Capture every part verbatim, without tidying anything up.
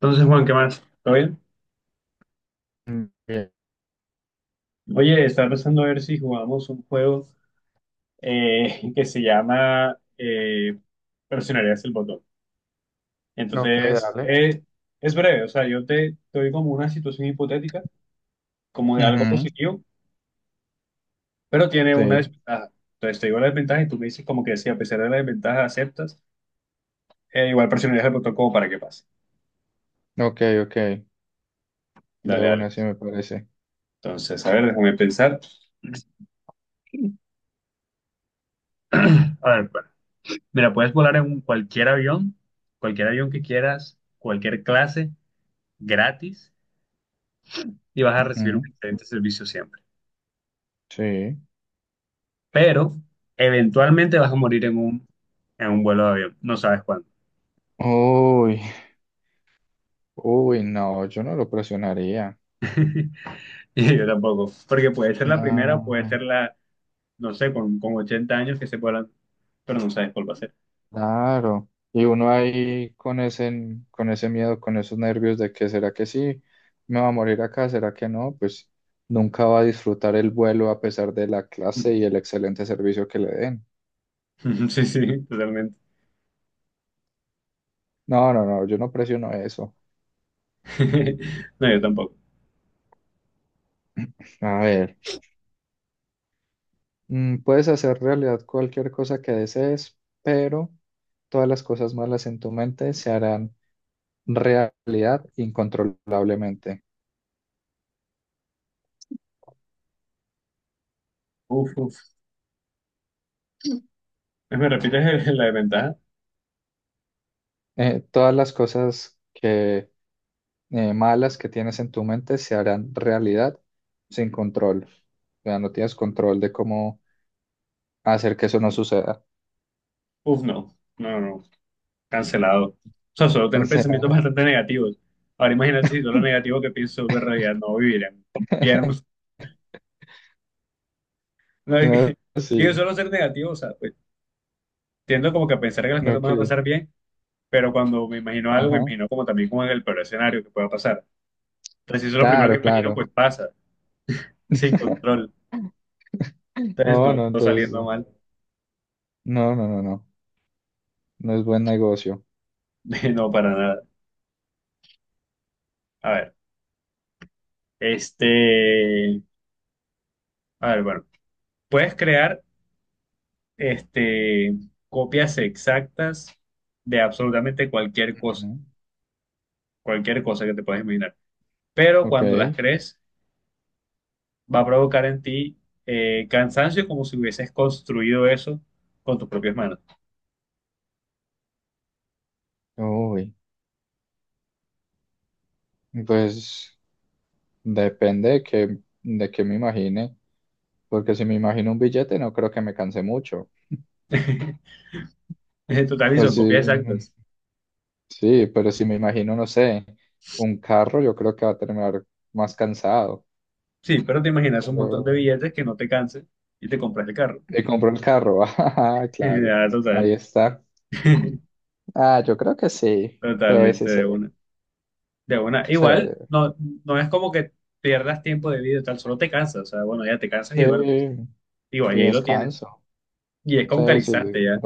Entonces, Juan, ¿qué más? ¿Todo bien? Mm, bien. Oye, estaba pensando a ver si jugamos un juego eh, que se llama eh, Presionarías el botón. Ok, Entonces, dale. es, es breve, o sea, yo te, te doy como una situación hipotética, como de algo Ujú, positivo, pero tiene sí, una desventaja. Entonces, te digo la desventaja y tú me dices como que si a pesar de la desventaja aceptas, eh, igual presionarías el botón como para que pase. ok, ok, de Dale, dale. una sí me parece. Entonces, a ver, déjame pensar. A ver, bueno. Mira, puedes volar en un- cualquier avión, cualquier avión que quieras, cualquier clase, gratis, y vas a recibir un Ujú, excelente servicio siempre. sí. Pero eventualmente vas a morir en un, en un vuelo de avión, no sabes cuándo. Uy, uy, no, yo no lo presionaría. Y yo tampoco, porque puede ser la primera, puede ser No, la, no sé, con, con ochenta años que se vuelan, pero no sabes cuál va a ser. claro. Y uno ahí con ese, con ese miedo, con esos nervios de que será que sí, me va a morir acá, será que no, pues nunca va a disfrutar el vuelo a pesar de la clase y el excelente servicio que le den. Sí, sí, totalmente. No, no, no, yo no presiono eso. No, yo tampoco. A ver. Mm, Puedes hacer realidad cualquier cosa que desees, pero todas las cosas malas en tu mente se harán realidad incontrolablemente. Uf, uf. ¿Me repites el- la desventaja? Eh, todas las cosas que, eh, malas que tienes en tu mente se harán realidad sin control. O sea, no tienes control de cómo hacer que eso no suceda. Uf, no. No, no. Cancelado. O sea, solo O tener sea, pensamientos bastante negativos. Ahora imagínate si todo lo negativo que pienso sobre realidad no vivirían. Viviéramos. No, es que, no, digo, sí, solo ser negativo, o sea, pues, tiendo como que a pensar que las cosas van a ok, pasar bien, pero cuando me imagino algo, me ajá, imagino como también como en el peor escenario que pueda pasar. Entonces, si eso es lo primero que claro, imagino, claro. pues pasa, sin control. Entonces, No, no, no, todo entonces, saliendo mal. no, no, no, no. No es buen negocio. No, para nada. A ver, este, a ver, bueno, puedes crear este, copias exactas de absolutamente cualquier cosa, Ujú. cualquier cosa que te puedas imaginar. Pero Ok. cuando las crees, va a provocar en ti eh, cansancio como si hubieses construido eso con tus propias manos. Uy, pues depende de que de que me imagine, porque si me imagino un billete no creo que me canse mucho. En total, y Pues son sí, copias exactas. sí, pero si me imagino, no sé, un carro, yo creo que va a terminar más cansado. Sí, pero te imaginas un montón de Pero billetes que no te cansen y te compras el carro. te compro el carro, ah, claro, Ah, total. ahí está. Ah, yo creo que sí, sí, sí, Totalmente sí, de una. De una. sí, Igual, no, no es como que pierdas tiempo de vida y tal, solo te cansas. O sea, bueno, ya te cansas y duermes. sí, Igual, y y ahí lo tienes. descanso, Y es como sí, sí, calistante ya.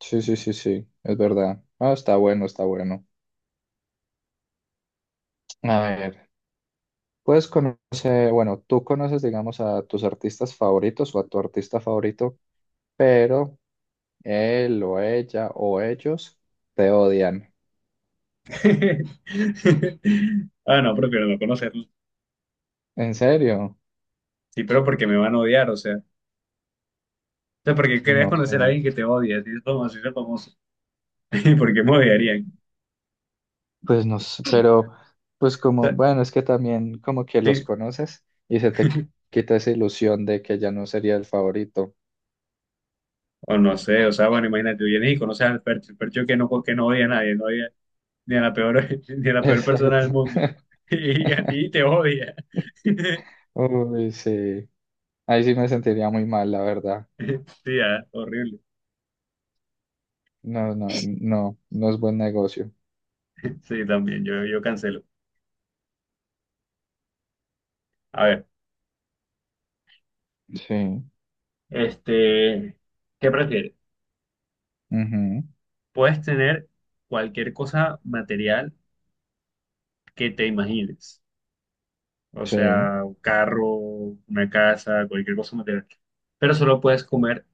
sí, sí, sí, sí, es verdad. Ah, está bueno, está bueno. A ver, puedes conocer, bueno, tú conoces, digamos, a tus artistas favoritos o a tu artista favorito, pero él o ella o ellos te odian. Ah, no, prefiero no conocerlo. ¿En serio? Sí, pero porque me van a odiar, o sea. O sea, porque querías No sé. conocer a alguien que te odia, así es como así de famoso. ¿Y ¿por qué me odiarían? Pues no sé, pero pues O como, sea, bueno, es que también como que los sí, conoces y se te quita esa ilusión de que ya no sería el favorito. o no sé, o sea, bueno, imagínate, tú vienes y conoces al Percho, el Percho que no, que no odia a nadie, no odia ni a la peor, ni a la peor persona Exacto. del mundo. Y a ti te odia. Uy, sí. Ahí sí me sentiría muy mal, la verdad. Sí, ah, horrible. No, no, no, no es buen negocio. Sí, también, yo, yo cancelo. A ver, Sí, este, ¿qué prefieres? ujú, Puedes tener cualquier cosa material que te imagines. O sí, sea, un carro, una casa, cualquier cosa material. Pero solo puedes comer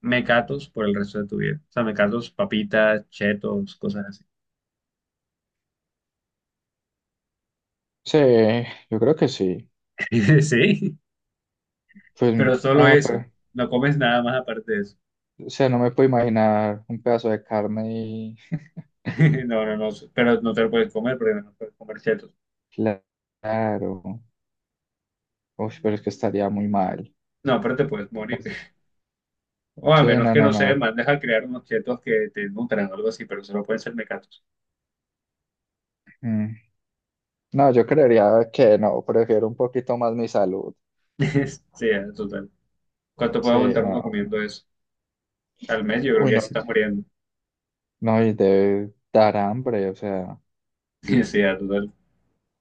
mecatos por el resto de tu vida. O sea, mecatos, papitas, chetos, cosas así. sí, yo creo que sí. Sí, Pues, pero solo ah, eso. pero, No comes nada más aparte de eso. o sea, no me puedo imaginar un pedazo de carne y No, no, no. Pero no te lo puedes comer porque no puedes comer chetos. claro, uy, pero es que estaría muy mal. No, pero te puedes morir. Es- O a Sí, menos no, que, no, no sé, no. mandes a crear unos chetos que te nutran o algo así, pero solo pueden ser mecatos. Mm, No, yo creería que no, prefiero un poquito más mi salud. Sí, total. ¿Cuánto puede Sí, aguantar uno no. comiendo eso? Al mes yo creo Uy, que ya no, se está muriendo. no, y debe dar hambre, o sea, Y sí, ya, total.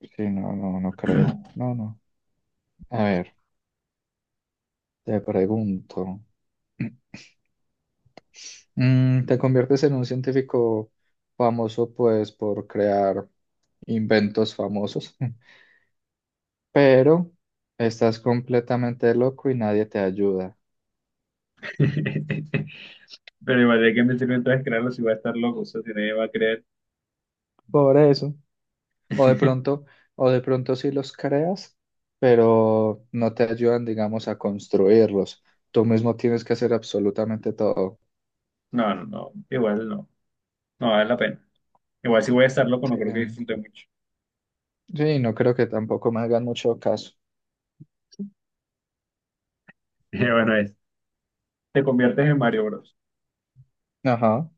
sí, no, no, no creo. No, no. A ver, te pregunto. Mm, te conviertes en un científico famoso, pues, por crear inventos famosos, pero estás completamente loco y nadie te ayuda. Pero igual, ¿de qué me sirve entonces crearlo si voy a estar loco? O sea, si nadie va a creer. Por eso. O de pronto, o de pronto, sí los creas, pero no te ayudan, digamos, a construirlos. Tú mismo tienes que hacer absolutamente todo. No, no, no. Igual no. No vale la pena. Igual si voy a estar loco, Sí, no creo que disfrute mucho. sí, no creo que tampoco me hagan mucho caso. Bueno, es. Te conviertes en Mario Bros. Ajá.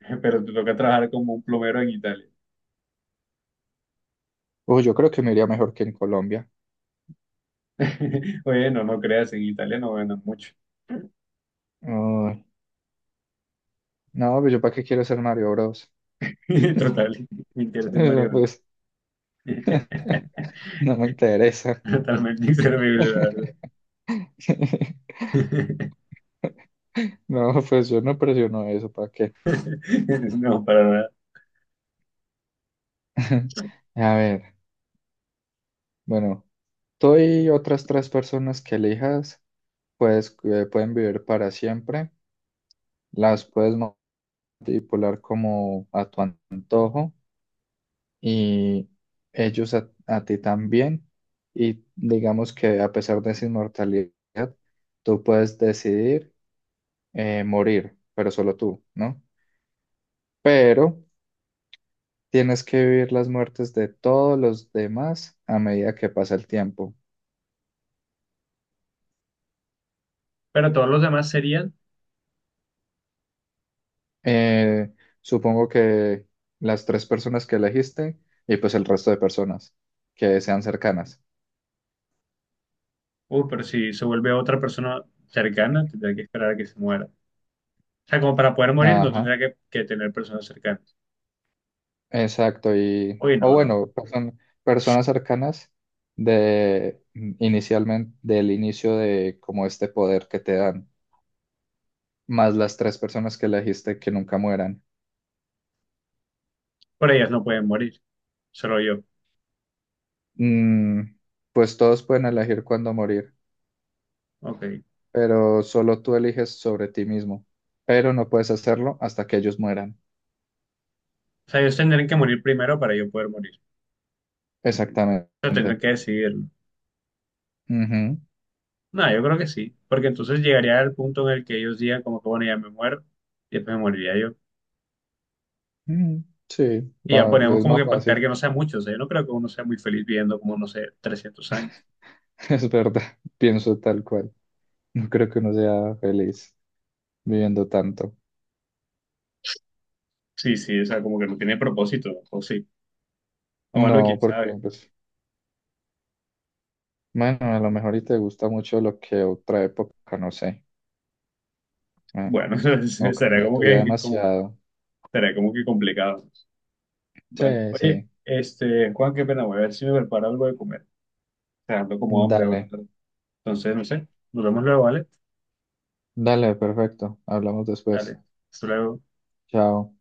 Pero te toca trabajar como un plomero en Italia. Uy, yo creo que me iría mejor que en Colombia. Oye, no, no creas, en Italia no ganan mucho. Uy, no, pues yo para qué quiero ser Mario Bros. Total, mentirte en Mario Pero, Bros. pues no me interesa. Totalmente inservible, la verdad. No, pues yo no presiono eso, ¿para qué? No, para nada. A ver, bueno, tú y otras tres personas que elijas, pues eh, pueden vivir para siempre, las puedes manipular como a tu antojo y ellos a, a ti también. Y digamos que a pesar de esa inmortalidad, tú puedes decidir eh, morir, pero solo tú, ¿no? Pero tienes que vivir las muertes de todos los demás a medida que pasa el tiempo. Pero todos los demás serían, Eh, Supongo que las tres personas que elegiste y pues el resto de personas que sean cercanas. uh, pero si se vuelve otra persona cercana, tendría que esperar a que se muera. O sea, como para poder morir, no Ajá, tendría que, que tener personas cercanas. exacto. Y, Uy, o no, no. bueno, person- personas cercanas de inicialmente, del inicio de como este poder que te dan, más las tres personas que elegiste que nunca mueran. Por ellas no pueden morir, solo yo. Mm, pues todos pueden elegir cuándo morir. Ok. Pero solo tú eliges sobre ti mismo, pero no puedes hacerlo hasta que ellos mueran. O sea, ellos tendrían que morir primero para yo poder morir. Pero tendrán Exactamente. que decidirlo. Ujú. No, no, yo creo que sí. Porque entonces llegaría al punto en el que ellos digan, como que bueno, ya me muero, y después me moriría yo. Mm, sí, Y ya la- ponemos es como más que pactar que fácil, no sea mucho. O sea, yo no creo que uno sea muy feliz viviendo como, no sé, trescientos años. es verdad, pienso tal cual. No creo que uno sea feliz viviendo tanto. Sí, sí, o sea, como que no tiene propósito, o sí. O bueno, quién No, porque sabe. pues, bueno, a lo mejor y te gusta mucho lo que otra época, no sé, eh, Bueno, o será cambió como tu vida que, como, demasiado. será como que complicado. Bueno, Sí, oye, sí, este, Juan, qué pena, voy a ver si me preparo algo de comer. O sea, ando como hambre dale, ahora. Entonces, no sé, nos vemos luego, ¿vale? dale, perfecto, hablamos después. Dale, hasta luego. Chao.